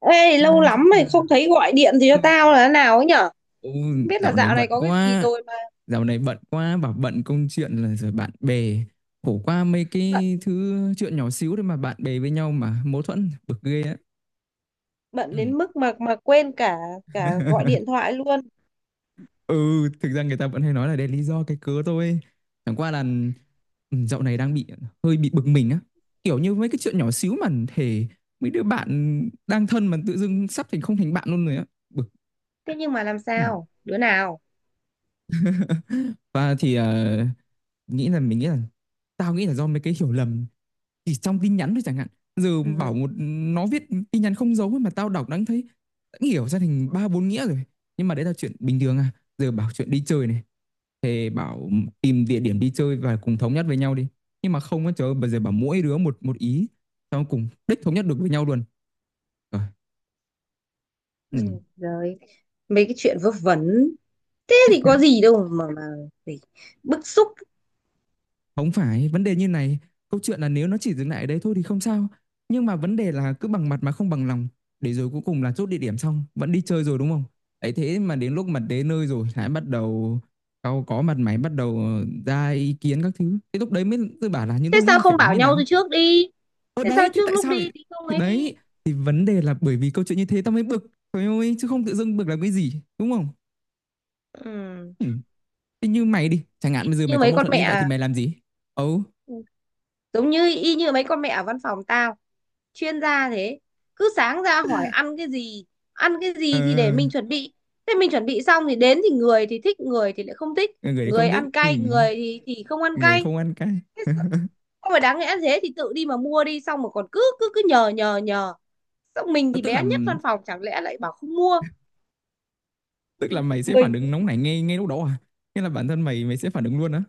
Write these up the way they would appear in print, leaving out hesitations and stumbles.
Ê, À, lâu xin lắm mày chào. không thấy gọi điện thì cho Ừ, tao là thế nào ấy nhở? ừ, Không biết là dạo này dạo này bận có cái gì quá. rồi mà Dạo này bận quá, bảo bận công chuyện là rồi bạn bè. Khổ qua mấy bận cái thứ chuyện nhỏ xíu đấy mà bạn bè với nhau mà mâu thuẫn bực ghê á. bận Ừ. đến mức mà quên cả cả gọi điện thoại luôn. Ừ, thực ra người ta vẫn hay nói là đây là lý do cái cớ thôi. Chẳng qua là dạo này đang bị hơi bị bực mình á. Kiểu như mấy cái chuyện nhỏ xíu mà thể mấy đứa bạn đang thân mà tự dưng sắp thành không thành bạn luôn rồi á. Bực. Thế nhưng mà làm Ừ. sao? Đứa nào? Và thì nghĩ là mình nghĩ là tao nghĩ là do mấy cái hiểu lầm chỉ trong tin nhắn thôi chẳng hạn giờ Ừ, bảo một nó viết tin nhắn không dấu ấy mà tao đọc đã hiểu ra thành ba bốn nghĩa rồi nhưng mà đấy là chuyện bình thường à giờ bảo chuyện đi chơi này thì bảo tìm địa điểm đi chơi và cùng thống nhất với nhau đi nhưng mà không á trời ơi, bây giờ bảo mỗi đứa một một ý xong cùng đích thống nhất được với nhau luôn rồi ừ. rồi mấy cái chuyện vớ vẩn thế thì có gì đâu mà phải bức xúc. Không phải, vấn đề như này, câu chuyện là nếu nó chỉ dừng lại ở đấy thôi thì không sao. Nhưng mà vấn đề là cứ bằng mặt mà không bằng lòng, để rồi cuối cùng là chốt địa điểm xong, vẫn đi chơi rồi đúng không? Ấy thế mà đến lúc mà đến nơi rồi lại bắt đầu cau có mặt mày bắt đầu ra ý kiến các thứ. Thế lúc đấy mới tôi bảo là những Thế lúc sao ấy phải không làm bảo như nhau nào. từ trước đi? Ở Thế sao đấy thì trước tại lúc sao lại đi thì không thì ấy đi? đấy thì vấn đề là bởi vì câu chuyện như thế tao mới bực. Trời ơi, chứ không tự dưng bực làm cái gì, đúng không? Ừ, Ừ. Thế như mày đi, chẳng hạn bây giờ mày như có mấy mâu con thuẫn mẹ như vậy thì à? mày làm gì? Ừ. Ừ, giống như y như mấy con mẹ ở văn phòng tao, chuyên gia thế, cứ sáng ra hỏi ăn cái gì, ăn cái Ờ gì thì để mình chuẩn bị. Thế mình chuẩn bị xong thì đến thì người thì thích, người thì lại không thích, người người không thích ăn ừ. cay, người thì không ăn Người cay. không ăn cay. Thế sao- không phải đáng lẽ thế thì tự đi mà mua đi, xong mà còn cứ cứ cứ nhờ nhờ nhờ xong mình thì tức là bé nhất văn phòng, chẳng lẽ lại bảo không mua. tức là mày sẽ phản mình ứng nóng nảy ngay ngay lúc đó à, nghĩa là bản thân mày mày sẽ phản ứng luôn á.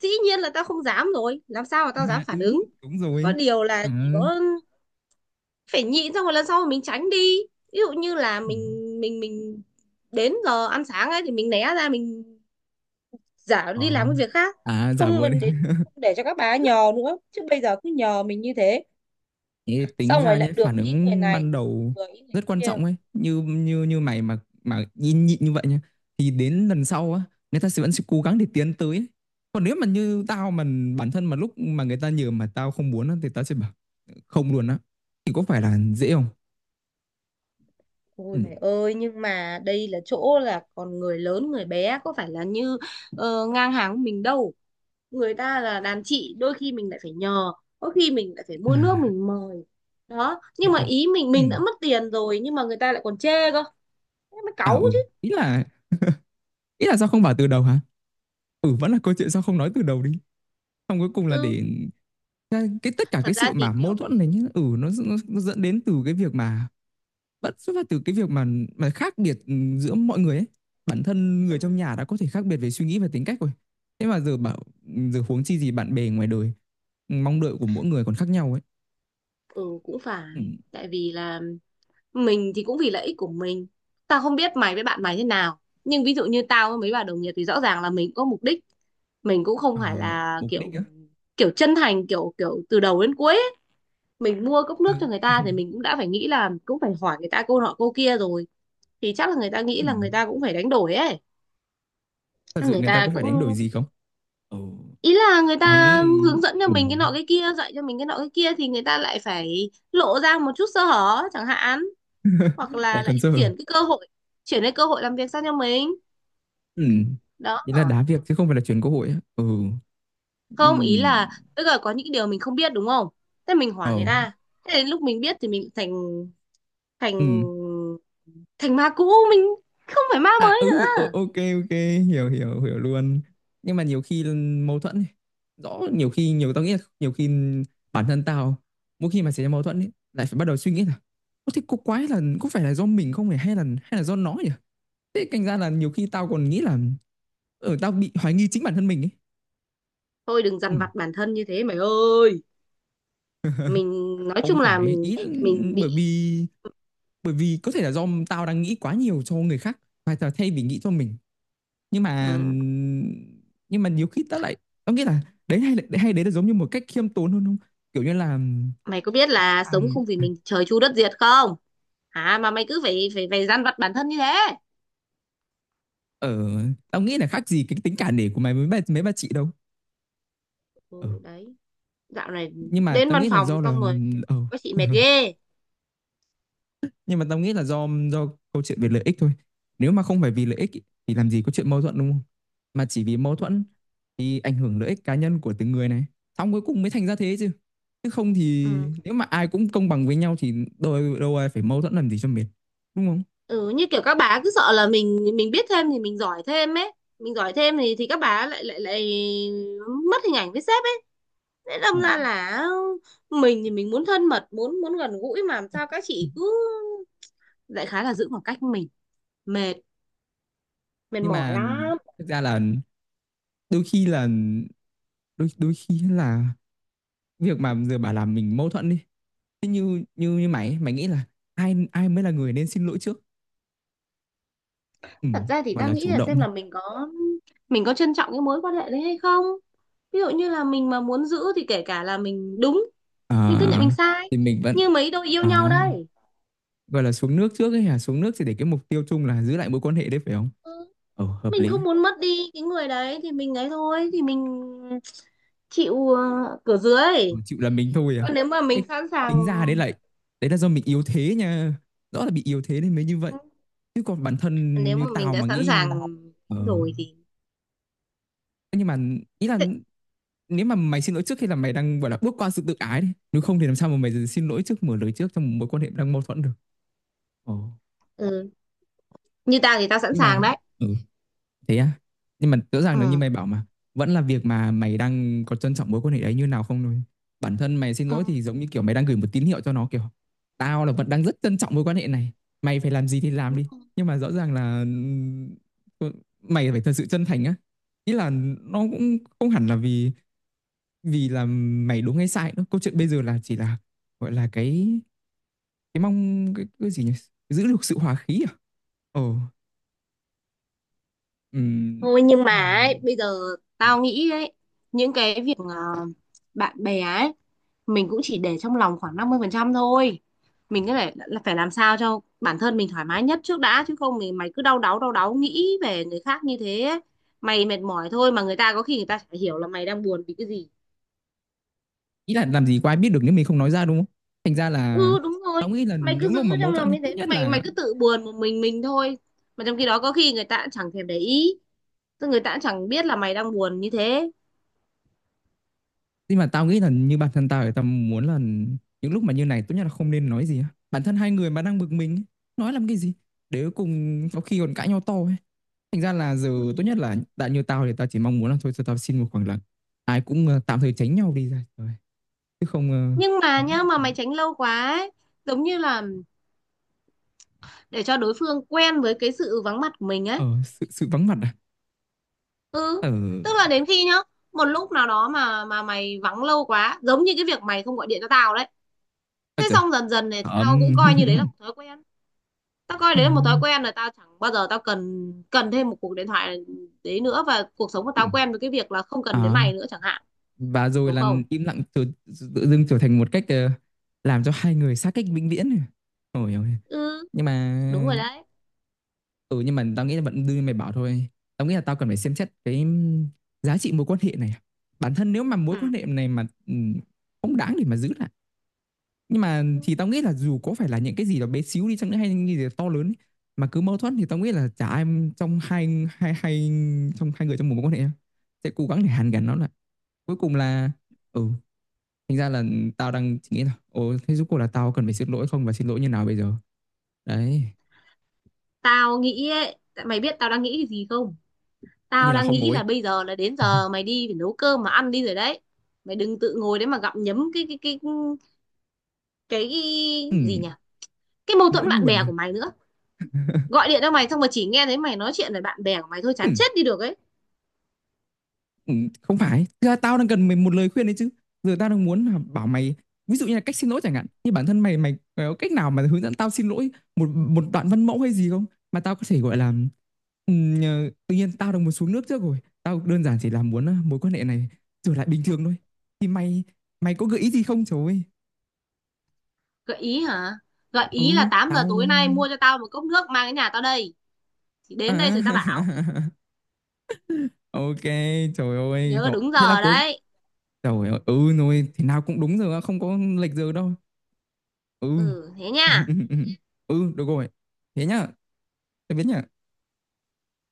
Dĩ nhiên là tao không dám rồi, làm sao mà tao dám À phản ừ, ứng, đúng có rồi. điều là À, chỉ có phải nhịn, xong rồi lần sau mình tránh đi. Ví dụ như là ừ. mình mình mình đến giờ ăn sáng ấy thì mình né ra, mình giả Ờ. đi làm cái việc khác. À giả không vờ đi. mình để Không để cho các bà ấy nhờ nữa, chứ bây giờ cứ nhờ mình như thế, Thế tính xong rồi ra nhé lại phản được ý người ứng này, ban đầu vừa ý người rất quan kia. trọng ấy như như như mày mà nhịn nhịn như vậy nhá thì đến lần sau á người ta sẽ vẫn sẽ cố gắng để tiến tới ấy. Còn nếu mà như tao mà bản thân mà lúc mà người ta nhờ mà tao không muốn á, thì tao sẽ bảo không luôn á thì có phải là dễ không. Ôi Ừm, mày ơi, nhưng mà đây là chỗ là còn người lớn người bé, có phải là như ngang hàng của mình đâu. Người ta là đàn chị, đôi khi mình lại phải nhờ, có khi mình lại phải à, mua nước mình mời. Đó, lại nhưng mà còn ý mình đã ừm, mất tiền rồi nhưng mà người ta lại còn chê cơ, thế mới à, cáu ừ, chứ. ý là ý là sao không bảo từ đầu hả? Ừ, vẫn là câu chuyện sao không nói từ đầu đi. Xong cuối cùng là Ừ, để cái tất cả thật cái ra sự thì mà mâu kiểu, thuẫn này nhá, ừ, nó dẫn đến từ cái việc mà vẫn xuất phát từ cái việc mà khác biệt, ừ, giữa mọi người ấy. Bản thân người trong ừ, nhà đã có thể khác biệt về suy nghĩ và tính cách rồi. Thế mà giờ bảo giờ huống chi gì bạn bè ngoài đời, mong đợi của mỗi người còn khác nhau ấy. ừ cũng phải, Ừm, tại vì là mình thì cũng vì lợi ích của mình. Tao không biết mày với bạn mày thế nào, nhưng ví dụ như tao với mấy bà đồng nghiệp thì rõ ràng là mình cũng có mục đích, mình cũng không ờ, phải là mục đích kiểu á, kiểu chân thành kiểu kiểu từ đầu đến cuối ấy. Mình mua cốc ừ, nước cho người ta thì mình cũng đã phải nghĩ là cũng phải hỏi người ta câu nọ câu kia rồi, thì chắc là người ta nghĩ là người ừm, ta cũng phải đánh đổi ấy. thật sự Người người ta ta có phải đánh đổi cũng, gì không? Ừ. ý là người Tao ta nghĩ. hướng dẫn cho Ừ. mình cái nọ cái kia, dạy cho mình cái nọ cái kia thì người ta lại phải lộ ra một chút sơ hở chẳng hạn, hoặc Lại là lại còn giờ chuyển cái cơ hội, chuyển cái cơ hội làm việc sang cho mình. ừ. Đó, Ý là đá việc chứ không phải là chuyển cơ hội á. Ừ không ý là ừ tức là có những điều mình không biết, đúng không? Thế mình hỏi người ờ ta, thế đến lúc mình biết thì mình thành ừ thành thành ma cũ, mình không phải ma à mới ừ ờ, nữa. ok ok hiểu hiểu hiểu luôn. Nhưng mà nhiều khi mâu thuẫn ấy. Rõ nhiều khi nhiều tao nghĩ là nhiều khi bản thân tao mỗi khi mà xảy ra mâu thuẫn ấy, lại phải bắt đầu suy nghĩ là có thế cô quái là có phải là do mình không nhỉ hay là do nó nhỉ thế thành ra là nhiều khi tao còn nghĩ là ở tao bị hoài nghi chính bản thân mình ấy. Thôi đừng Ừ, dằn vặt bản thân như thế mày ơi, mình nói không chung là phải mình ý là bởi bị. vì bởi vì có thể là do tao đang nghĩ quá nhiều cho người khác và tao thay vì nghĩ cho mình nhưng mà À, nhiều khi tao lại tao nghĩ là đấy hay đấy là giống như một cách khiêm tốn hơn không kiểu như là mày có biết là sống hàng không vì mình trời chu đất diệt không hả, mà mày cứ phải phải phải dằn vặt bản thân như thế. ở tao nghĩ là khác gì cái tính cả nể của mày với mấy bà chị đâu. Ờ, Ừ, đấy, dạo này nhưng mà đến tao văn nghĩ là phòng do là xong rồi ờ có chị mệt ghê. nhưng mà tao nghĩ là do câu chuyện về lợi ích thôi nếu mà không phải vì lợi ích ý, thì làm gì có chuyện mâu thuẫn đúng không mà chỉ vì mâu thuẫn thì ảnh hưởng lợi ích cá nhân của từng người này xong cuối cùng mới thành ra thế chứ chứ không thì Ừ. nếu mà ai cũng công bằng với nhau thì đâu đâu ai phải mâu thuẫn làm gì cho mệt đúng không. Ừ, như kiểu các bà cứ sợ là mình biết thêm thì mình giỏi thêm ấy, mình giỏi thêm thì các bà lại lại lại mất hình ảnh với sếp ấy. Thế đâm Ờ. ra là mình thì mình muốn thân mật, muốn muốn gần gũi, mà làm sao các chị cứ đại khái là giữ khoảng cách với mình, mệt, mệt Nhưng mỏi mà lắm. thực ra là đôi khi là đôi đôi khi là việc mà giờ bà làm mình mâu thuẫn đi thế như như như mày ấy, mày nghĩ là ai ai mới là người nên xin lỗi trước, ừ, Thật ra thì gọi ta là nghĩ chủ là động xem đi. là mình có trân trọng cái mối quan hệ đấy hay không. Ví dụ như là mình mà muốn giữ thì kể cả là mình đúng, Ờ, mình cứ nhận mình sai. thì mình vẫn Như mấy đôi yêu à, nhau đây. gọi là xuống nước trước ấy hả? Xuống nước thì để cái mục tiêu chung là giữ lại mối quan hệ đấy phải không? Ồ, hợp Mình lý. không muốn mất đi cái người đấy thì mình ấy, thôi thì mình chịu, cửa Ờ, dưới. chịu là mình thôi à. Còn nếu mà Ê, mình sẵn sàng, tính ra đấy là do mình yếu thế nha. Rõ là bị yếu thế nên mới như vậy. Chứ còn bản thân nếu mà như mình tao đã mà sẵn sàng nghĩ. Ờ, rồi thì, nhưng mà ý là nếu mà mày xin lỗi trước khi là mày đang gọi là bước qua sự tự ái đi. Nếu không thì làm sao mà mày xin lỗi trước mở lời trước trong một mối quan hệ đang mâu thuẫn được. Ồ. ừ. Như tao thì tao sẵn Nhưng sàng mà đấy. ừ, thế á? Nhưng mà rõ ràng là như Ừ. mày bảo mà vẫn là việc mà mày đang có trân trọng mối quan hệ đấy như nào không thôi. Bản thân mày xin Ừ. lỗi thì giống như kiểu mày đang gửi một tín hiệu cho nó kiểu tao là vẫn đang rất trân trọng mối quan hệ này. Mày phải làm gì thì làm đi. Nhưng mà rõ ràng là mày phải thật sự chân thành á. Ý là nó cũng không hẳn là vì vì là mày đúng hay sai nữa. Câu chuyện bây giờ là chỉ là gọi là cái mong cái gì nhỉ? Giữ được sự hòa khí à? Ờ. Ừm, Thôi nhưng mà nhưng mà ấy, bây giờ tao nghĩ ấy, những cái việc bạn bè ấy, mình cũng chỉ để trong lòng khoảng 50% thôi, mình cứ phải là phải làm sao cho bản thân mình thoải mái nhất trước đã, chứ không thì mày cứ đau đáu nghĩ về người khác như thế ấy. Mày mệt mỏi thôi, mà người ta có khi người ta chả hiểu là mày đang buồn vì cái gì. ý là làm gì có ai biết được nếu mình không nói ra đúng không thành ra là Ừ, đúng rồi. tao nghĩ là Mày cứ những giữ lúc mà mâu trong thuẫn lòng thì như tốt thế, nhất mày mày là cứ tự buồn một mình thôi, mà trong khi đó có khi người ta cũng chẳng thèm để ý, tức người ta cũng chẳng biết là mày đang buồn như thế. nhưng mà tao nghĩ là như bản thân tao thì tao muốn là những lúc mà như này tốt nhất là không nên nói gì á. Bản thân hai người mà đang bực mình ấy, nói làm cái gì để cuối cùng có khi còn cãi nhau to ấy thành ra là giờ tốt nhất là đã như tao thì tao chỉ mong muốn là thôi cho tao xin một khoảng lặng ai cũng tạm thời tránh nhau đi ra trời chứ không ờ, Nhưng mà đóng- nhá, mà mày tránh lâu quá ấy, giống như là để cho đối phương quen với cái sự vắng mặt của mình ấy. ờ sự sự vắng mặt à. Ừ, Ờ tức là đến khi nhá, một lúc nào đó mà mày vắng lâu quá, giống như cái việc mày không gọi điện cho tao đấy. à, Thế trời xong dần dần này tao ấm. cũng coi như đấy là một thói quen, tao coi À, đấy là một thói quen rồi, tao chẳng bao giờ tao cần cần thêm một cuộc điện thoại đấy nữa, và cuộc sống của ừ. tao quen với cái việc là không cần đến À, mày nữa chẳng hạn, và rồi đúng là không? im lặng tự dưng trở thành một cách làm cho hai người xa cách vĩnh viễn. Ôi ôi. Ừ, Nhưng mà đúng rồi đấy. ừ nhưng mà tao nghĩ là vẫn đưa mày bảo thôi tao nghĩ là tao cần phải xem xét cái giá trị mối quan hệ này bản thân nếu mà mối quan Ừ. hệ này mà không đáng để mà giữ lại nhưng mà Ừ. thì tao nghĩ là dù có phải là những cái gì đó bé xíu đi chăng nữa hay những cái gì đó to lớn ấy, mà cứ mâu thuẫn thì tao nghĩ là chả ai trong hai hai hai trong hai người trong một mối quan hệ sẽ cố gắng để hàn gắn nó lại cuối cùng là ừ thành ra là tao đang chỉ nghĩ là ồ thế rốt cuộc là tao cần phải xin lỗi không và xin lỗi như nào bây giờ đấy Tao nghĩ ấy, tại mày biết tao đang nghĩ cái gì không? tự Tao nhiên là đang không nghĩ ngồi là bây giờ là đến giờ mày đi phải nấu cơm mà ăn đi rồi đấy. Mày đừng tự ngồi đấy mà gặm nhấm cái cái gì ừ, nhỉ, cái mâu nỗi thuẫn bạn buồn bè à? của mày nữa. Gọi điện cho mày xong mà chỉ nghe thấy mày nói chuyện về bạn bè của mày thôi, Ừ, chán chết đi được ấy. ừ, không phải thực ra tao đang cần mày một lời khuyên đấy chứ giờ tao đang muốn là bảo mày ví dụ như là cách xin lỗi chẳng hạn như bản thân mày mày, mày có cách nào mà hướng dẫn tao xin lỗi một một đoạn văn mẫu hay gì không mà tao có thể gọi là ừ, tự nhiên tao đang muốn xuống nước trước rồi tao đơn giản chỉ là muốn mối quan hệ này trở lại bình thường thôi thì mày mày có gợi ý gì không trời ơi Gợi ý hả? Gợi ừ ý là 8 giờ tao. tối nay mua cho tao một cốc nước mang đến nhà tao đây, thì đến đây À, rồi tao bảo. ok, trời ơi. Nhớ Rồi, đúng thế là giờ cuối đấy. trời ơi, ừ rồi, thế nào cũng đúng rồi, á, không có lệch giờ đâu. Ừ. Ừ, thế nha. Ừ, được rồi. Thế nhá, tạm biệt nhá.